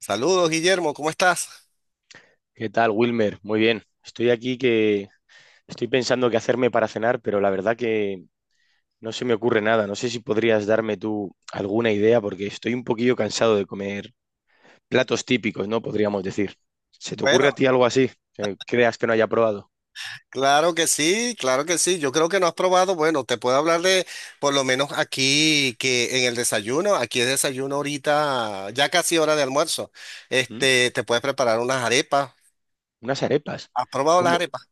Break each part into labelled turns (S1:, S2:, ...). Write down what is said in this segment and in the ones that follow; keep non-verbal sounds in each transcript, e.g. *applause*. S1: Saludos, Guillermo, ¿cómo estás?
S2: ¿Qué tal, Wilmer? Muy bien. Estoy aquí que estoy pensando qué hacerme para cenar, pero la verdad que no se me ocurre nada. No sé si podrías darme tú alguna idea porque estoy un poquillo cansado de comer platos típicos, ¿no? Podríamos decir. ¿Se te ocurre
S1: Bueno,
S2: a ti algo así que creas que no haya probado?
S1: claro que sí, claro que sí. Yo creo que no has probado. Bueno, te puedo hablar de, por lo menos aquí, que en el desayuno, aquí es desayuno ahorita, ya casi hora de almuerzo.
S2: ¿Mm?
S1: Te puedes preparar unas arepas.
S2: Unas arepas.
S1: ¿Has probado las
S2: ¿Cómo?
S1: arepas?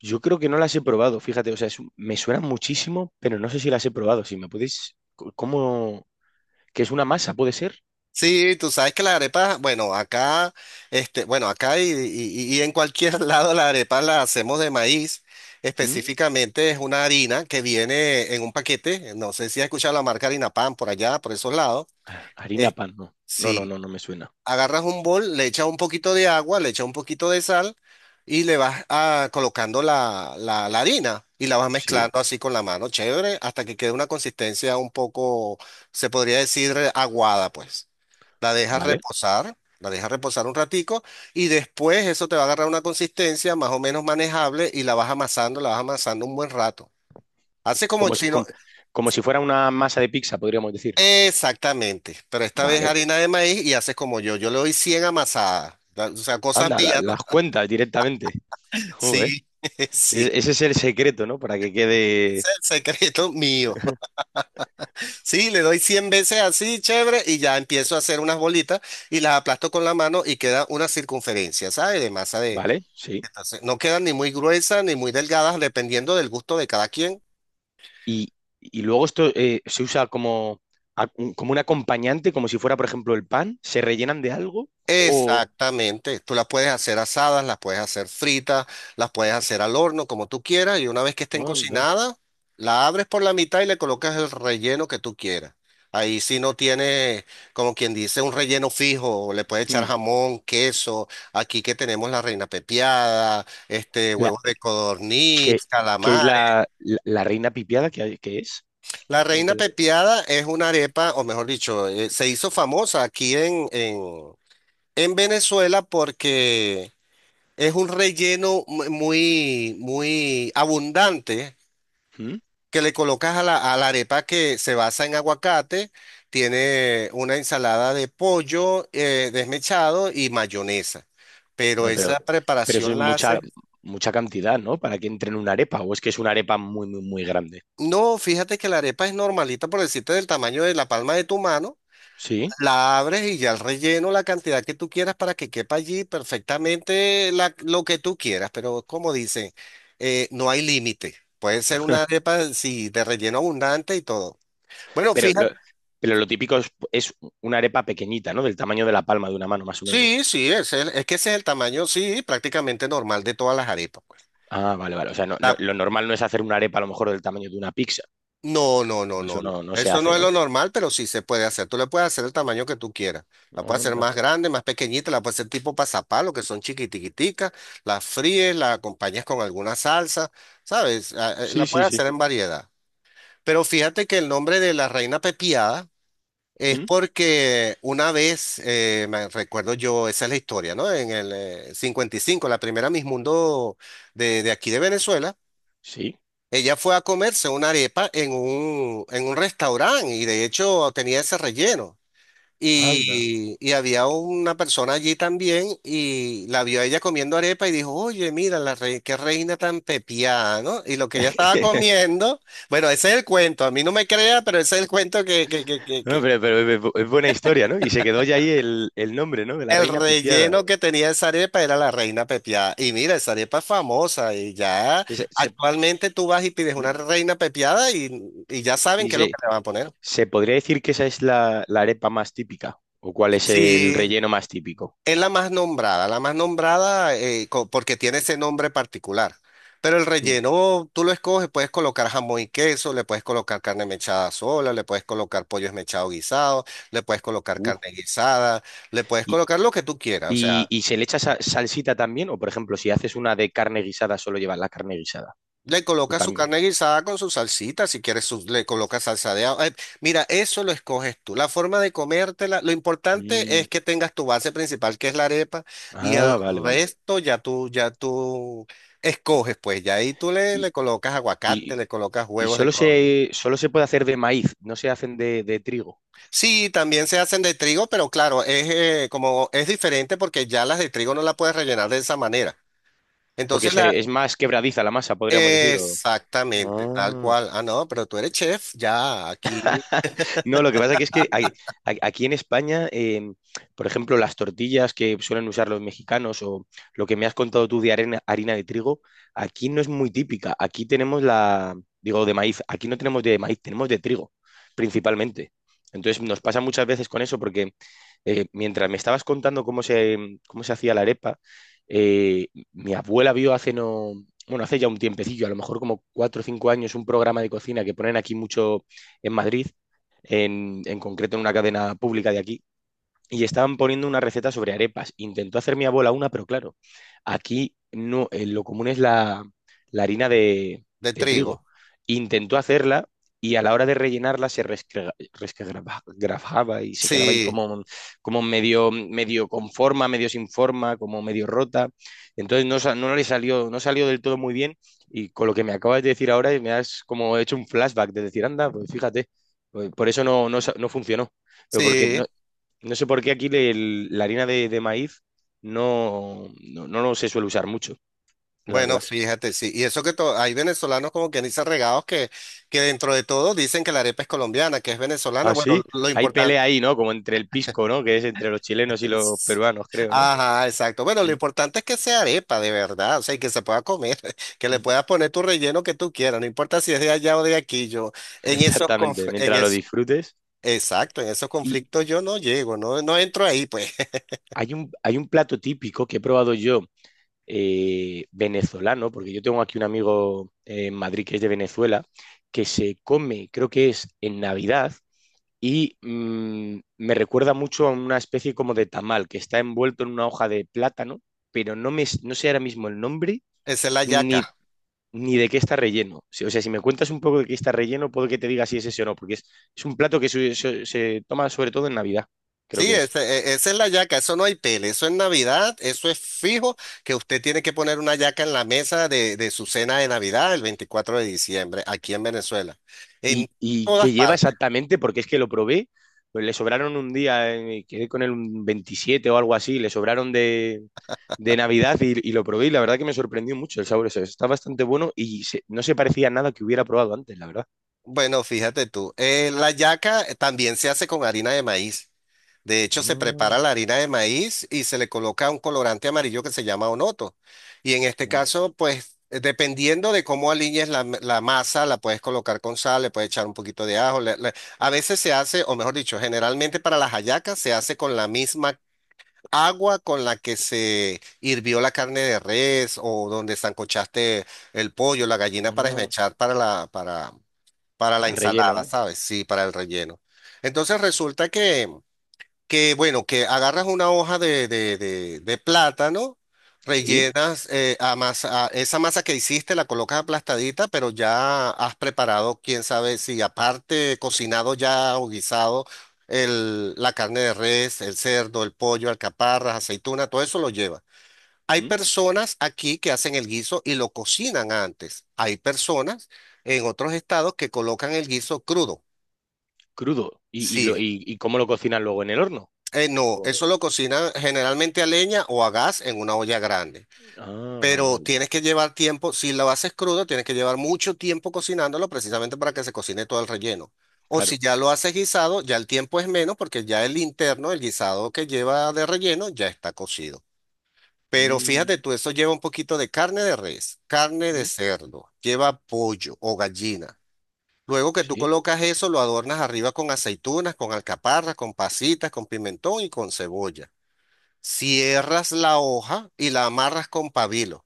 S2: Yo creo que no las he probado, fíjate, o sea, me suenan muchísimo, pero no sé si las he probado. Si me podéis, ¿cómo? ¿Qué es una masa, puede ser?
S1: Sí, tú sabes que las arepas, bueno, acá y en cualquier *laughs* lado las arepas las hacemos de maíz.
S2: ¿Mm?
S1: Específicamente es una harina que viene en un paquete. No sé si has escuchado la marca Harina Pan por allá, por esos lados.
S2: Ah, Harina
S1: Es,
S2: pan, no. No, no,
S1: si
S2: no, no me suena.
S1: agarras un bol, le echas un poquito de agua, le echas un poquito de sal y le vas colocando la harina y la vas
S2: Sí,
S1: mezclando así con la mano, chévere, hasta que quede una consistencia un poco, se podría decir, aguada, pues.
S2: vale.
S1: La dejas reposar un ratico y después eso te va a agarrar una consistencia más o menos manejable y la vas amasando un buen rato. Hace como
S2: Como si,
S1: si no,
S2: com- Como si fuera una masa de pizza, podríamos decir.
S1: exactamente, pero esta vez
S2: Vale.
S1: harina de maíz y haces como yo le doy 100 amasadas, o sea, cosas
S2: Anda,
S1: mías, ¿no?
S2: las cuentas directamente. *laughs* Joder.
S1: Sí, *laughs* sí,
S2: Ese es el secreto, ¿no? Para que
S1: ese
S2: quede.
S1: es el secreto mío. *laughs* Sí, le doy 100 veces así, chévere, y ya empiezo a hacer unas bolitas y las aplasto con la mano y queda una circunferencia, ¿sabes? De masa de...
S2: Vale, sí.
S1: Entonces, no quedan ni muy gruesas ni muy delgadas, dependiendo del gusto de cada quien.
S2: Y, y luego esto se usa como, a- como un acompañante, como si fuera, por ejemplo, el pan. ¿Se rellenan de algo? O.
S1: Exactamente, tú las puedes hacer asadas, las puedes hacer fritas, las puedes hacer al horno, como tú quieras, y una vez que estén
S2: Anda.
S1: cocinadas, la abres por la mitad y le colocas el relleno que tú quieras. Ahí sí no tiene, como quien dice, un relleno fijo, le puedes echar
S2: Hmm.
S1: jamón, queso, aquí que tenemos la reina pepiada,
S2: La,
S1: huevos de
S2: que,
S1: codorniz,
S2: que es
S1: calamares.
S2: la reina pipiada, que es.
S1: La reina
S2: Nunca lo-
S1: pepiada es una arepa, o mejor dicho, se hizo famosa aquí en Venezuela porque... Es un relleno muy, muy abundante
S2: ¿Mm?
S1: que le colocas a la arepa que se basa en aguacate. Tiene una ensalada de pollo desmechado y mayonesa. Pero
S2: No,
S1: esa
S2: pero eso es
S1: preparación la haces.
S2: mucha cantidad, ¿no? Para que entre en una arepa, o es que es una arepa muy grande.
S1: No, fíjate que la arepa es normalita, por decirte, del tamaño de la palma de tu mano.
S2: Sí,
S1: La abres y ya el relleno, la cantidad que tú quieras para que quepa allí perfectamente lo que tú quieras, pero como dicen, no hay límite. Puede ser una
S2: *laughs*
S1: arepa, sí, de relleno abundante y todo. Bueno,
S2: pero lo,
S1: fíjate,
S2: pero lo típico es una arepa pequeñita, ¿no? Del tamaño de la palma de una mano, más o
S1: sí,
S2: menos.
S1: sí, es, es que ese es el tamaño, sí, prácticamente normal de todas las arepas, pues.
S2: Ah, vale, vale. O sea,
S1: La-
S2: lo normal no es hacer una arepa a lo mejor del tamaño de una pizza.
S1: No, no, no,
S2: Eso
S1: no,
S2: no,
S1: no.
S2: no se
S1: Eso no
S2: hace,
S1: es lo
S2: ¿no?
S1: normal, pero sí se puede hacer. Tú le puedes hacer el tamaño que tú quieras. La puedes hacer
S2: Anda.
S1: más grande, más pequeñita, la puedes hacer tipo pasapalo, que son chiquitiquiticas, las fríes, la acompañas con alguna salsa, ¿sabes? La
S2: Sí, sí,
S1: puedes
S2: sí.
S1: hacer en variedad. Pero fíjate que el nombre de la reina pepiada es
S2: ¿Mm?
S1: porque una vez, me recuerdo yo, esa es la historia, ¿no? En el 55 la primera Miss Mundo de aquí de Venezuela.
S2: Sí.
S1: Ella fue a comerse una arepa en un restaurante y de hecho tenía ese relleno.
S2: Anda.
S1: Y había una persona allí también y la vio a ella comiendo arepa y dijo, oye, mira, qué reina tan pepiada, ¿no? Y lo que ella estaba
S2: *laughs*
S1: comiendo, bueno, ese es el cuento, a mí no me crea, pero ese es el cuento que, que, que, que,
S2: No,
S1: que
S2: pero es es buena historia, ¿no? Y se quedó ya ahí el nombre, ¿no? De la
S1: el
S2: reina
S1: relleno
S2: pipiada.
S1: que tenía esa arepa era la reina pepiada. Y mira, esa arepa es famosa y ya
S2: Ese- se-
S1: actualmente tú vas y pides una
S2: ¿Mm?
S1: reina pepiada y ya saben
S2: Sí,
S1: qué es lo que
S2: sí.
S1: le van a poner.
S2: ¿Se podría decir que esa es la arepa más típica? ¿O cuál es el
S1: Sí,
S2: relleno más típico?
S1: es la más nombrada porque tiene ese nombre particular. Pero el
S2: Mm.
S1: relleno tú lo escoges, puedes colocar jamón y queso, le puedes colocar carne mechada sola, le puedes colocar pollo esmechado guisado, le puedes colocar
S2: Uh.
S1: carne guisada, le puedes
S2: ¿Y,
S1: colocar lo que tú quieras. O
S2: y-
S1: sea,
S2: y se le echa salsita también? ¿O por ejemplo, si haces una de carne guisada, solo lleva la carne guisada?
S1: le
S2: ¿O
S1: coloca su
S2: también?
S1: carne guisada con su salsita, si quieres le coloca salsa de agua. Mira, eso lo escoges tú. La forma de comértela, lo importante
S2: Mm.
S1: es que tengas tu base principal, que es la arepa, y el
S2: Ah, vale, vale.
S1: resto ya tú escoges, pues ya ahí tú le,
S2: Y,
S1: le colocas aguacate,
S2: y-
S1: le colocas
S2: y
S1: huevos de
S2: solo
S1: color.
S2: solo se puede hacer de maíz, no se hacen de trigo.
S1: Sí, también se hacen de trigo, pero claro, es como es diferente porque ya las de trigo no las puedes rellenar de esa manera. Entonces
S2: Es más quebradiza la masa, podríamos decir. O-
S1: exactamente, tal
S2: Ah.
S1: cual. Ah, no, pero tú eres chef, ya aquí.
S2: *laughs* No, lo que pasa que es que aquí en España, por ejemplo, las tortillas que suelen usar los mexicanos o lo que me has contado tú de harina de trigo, aquí no es muy típica. Aquí tenemos la, digo, de maíz. Aquí no tenemos de maíz, tenemos de trigo, principalmente. Entonces nos pasa muchas veces con eso porque mientras me estabas contando cómo se hacía la arepa, eh, mi abuela vio hace no, bueno, hace ya un tiempecillo, a lo mejor como cuatro o cinco años, un programa de cocina que ponen aquí mucho en Madrid en concreto en una cadena pública de aquí, y estaban poniendo una receta sobre arepas. Intentó hacer mi abuela una, pero claro, aquí no, lo común es la, la harina
S1: De
S2: de trigo.
S1: trigo.
S2: Intentó hacerla y a la hora de rellenarla se resquebrajaba y se quedaba ahí
S1: Sí,
S2: como, como medio, medio con forma, medio sin forma, como medio rota. Entonces no, no le salió, no salió del todo muy bien y con lo que me acabas de decir ahora me has como hecho un flashback de decir, anda, pues fíjate, pues por eso no, no, no funcionó, pero porque no,
S1: sí.
S2: no sé por qué aquí la harina de maíz no, no, no lo se suele usar mucho, la
S1: Bueno,
S2: verdad.
S1: fíjate, sí. Y eso que hay venezolanos como que dicen regados que, dentro de todo dicen que la arepa es colombiana, que es venezolana.
S2: Ah,
S1: Bueno,
S2: sí,
S1: lo
S2: hay
S1: importante
S2: pelea ahí, ¿no? Como entre el pisco, ¿no? Que es entre los chilenos y los
S1: es...
S2: peruanos, creo, ¿no?
S1: Ajá, exacto. Bueno, lo
S2: Mm,
S1: importante es que sea arepa de verdad, o sea, y que se pueda comer, *laughs* que le
S2: mm.
S1: puedas poner tu relleno que tú quieras, no importa si es de allá o de aquí, yo
S2: *laughs* Exactamente,
S1: en
S2: mientras lo
S1: eso,
S2: disfrutes.
S1: exacto, en esos
S2: Y
S1: conflictos yo no llego, no, no entro ahí, pues. *laughs*
S2: hay un plato típico que he probado yo, venezolano, porque yo tengo aquí un amigo en Madrid que es de Venezuela, que se come, creo que es en Navidad, y me recuerda mucho a una especie como de tamal que está envuelto en una hoja de plátano, pero no, me, no sé ahora mismo el nombre
S1: Esa es la
S2: ni,
S1: yaca.
S2: ni de qué está relleno. O sea, si me cuentas un poco de qué está relleno, puedo que te diga si es ese o no, porque es un plato que se toma sobre todo en Navidad, creo
S1: Sí,
S2: que es.
S1: esa es la yaca, eso no hay pele, eso es Navidad, eso es fijo, que usted tiene que poner una yaca en la mesa de su cena de Navidad el 24 de diciembre, aquí en Venezuela. En
S2: Y, y
S1: todas
S2: qué lleva
S1: partes.
S2: exactamente, porque es que lo probé, pues le sobraron un día, quedé con él un 27 o algo así, le sobraron de Navidad y lo probé y la verdad que me sorprendió mucho el sabor, o sea, está bastante bueno y no se parecía a nada que hubiera probado antes, la verdad.
S1: Bueno, fíjate tú, la yaca también se hace con harina de maíz. De hecho, se prepara
S2: Ah,
S1: la harina de maíz y se le coloca un colorante amarillo que se llama onoto. Y en este
S2: un-
S1: caso, pues, dependiendo de cómo aliñes la masa, la puedes colocar con sal, le puedes echar un poquito de ajo. A veces se hace, o mejor dicho, generalmente para las hallacas se hace con la misma agua con la que se hirvió la carne de res o donde sancochaste el pollo, la gallina para
S2: ah,
S1: esmechar para la
S2: al relleno,
S1: ensalada,
S2: ¿no?
S1: ¿sabes? Sí, para el relleno. Entonces resulta que bueno, que agarras una hoja de plátano,
S2: Sí,
S1: rellenas a esa masa que hiciste, la colocas aplastadita, pero ya has preparado, quién sabe si aparte cocinado ya o guisado la carne de res, el cerdo, el pollo, alcaparras, aceituna, todo eso lo lleva. Hay
S2: mm,
S1: personas aquí que hacen el guiso y lo cocinan antes. Hay personas en otros estados que colocan el guiso crudo.
S2: crudo. Y, lo-
S1: Sí,
S2: y- y cómo lo cocinan luego en el horno?
S1: no,
S2: O-
S1: eso lo cocinan generalmente a leña o a gas en una olla grande.
S2: Ah, vale,
S1: Pero
S2: vale,
S1: tienes que llevar tiempo, si lo haces crudo, tienes que llevar mucho tiempo cocinándolo precisamente para que se cocine todo el relleno. O
S2: claro.
S1: si ya lo haces guisado, ya el tiempo es menos porque ya el interno, el guisado que lleva de relleno, ya está cocido. Pero
S2: Mm,
S1: fíjate tú, eso lleva un poquito de carne de res, carne de
S2: mm,
S1: cerdo, lleva pollo o gallina. Luego que tú
S2: sí.
S1: colocas eso, lo adornas arriba con aceitunas, con alcaparras, con pasitas, con pimentón y con cebolla. Cierras la hoja y la amarras con pabilo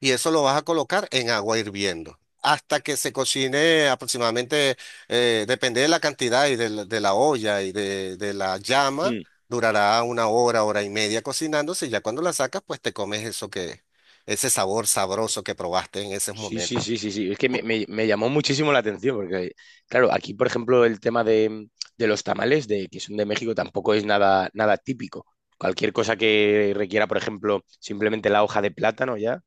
S1: y eso lo vas a colocar en agua hirviendo hasta que se cocine aproximadamente, depende de la cantidad y la de la olla y de la llama,
S2: Mm.
S1: durará una hora, hora y media cocinándose y ya cuando la sacas, pues te comes eso que, ese sabor sabroso que probaste en esos
S2: Sí,
S1: momentos.
S2: sí, sí, sí, sí. Es que me llamó muchísimo la atención, porque, claro, aquí, por ejemplo, el tema de los tamales, de, que son de México, tampoco es nada, nada típico. Cualquier cosa que requiera, por ejemplo, simplemente la hoja de plátano ya,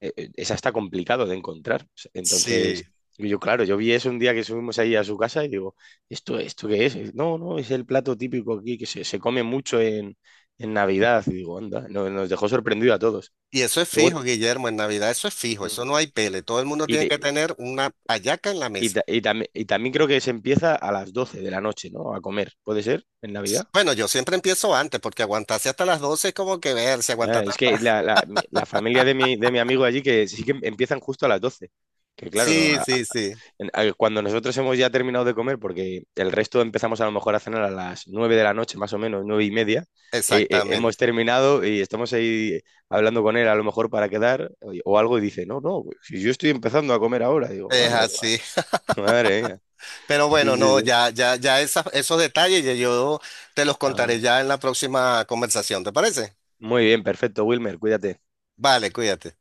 S2: esa está complicado de encontrar. Entonces,
S1: Sí.
S2: y yo, claro, yo vi eso un día que subimos ahí a su casa y digo, ¿esto, esto qué es? Y, no, no, es el plato típico aquí que se come mucho en Navidad. Y digo, anda, nos dejó sorprendido a todos.
S1: Y eso es
S2: Luego,
S1: fijo, Guillermo, en Navidad eso es fijo,
S2: mm,
S1: eso no hay pele, todo el mundo
S2: y,
S1: tiene que
S2: te-
S1: tener una hallaca en la
S2: Y,
S1: mesa.
S2: y también creo que se empieza a las 12 de la noche, ¿no? A comer, ¿puede ser? ¿En Navidad?
S1: Bueno, yo siempre empiezo antes porque aguantarse hasta las 12 es como que ver, si aguanta
S2: Ah, es
S1: tanta.
S2: que
S1: *laughs*
S2: la familia de mi amigo allí que sí que empiezan justo a las doce. Que claro, no,
S1: Sí, sí, sí,
S2: cuando nosotros hemos ya terminado de comer, porque el resto empezamos a lo mejor a cenar a las 9 de la noche, más o menos, nueve y media, hemos
S1: exactamente.
S2: terminado y estamos ahí hablando con él a lo mejor para quedar o algo y dice, no, no, si yo estoy empezando a comer ahora, digo,
S1: Es
S2: ándale, ma-
S1: así.
S2: *laughs* madre mía.
S1: Pero
S2: Sí,
S1: bueno,
S2: sí,
S1: no,
S2: sí.
S1: esos detalles ya yo te los
S2: Ah.
S1: contaré ya en la próxima conversación, ¿te parece?
S2: Muy bien, perfecto, Wilmer, cuídate.
S1: Vale, cuídate.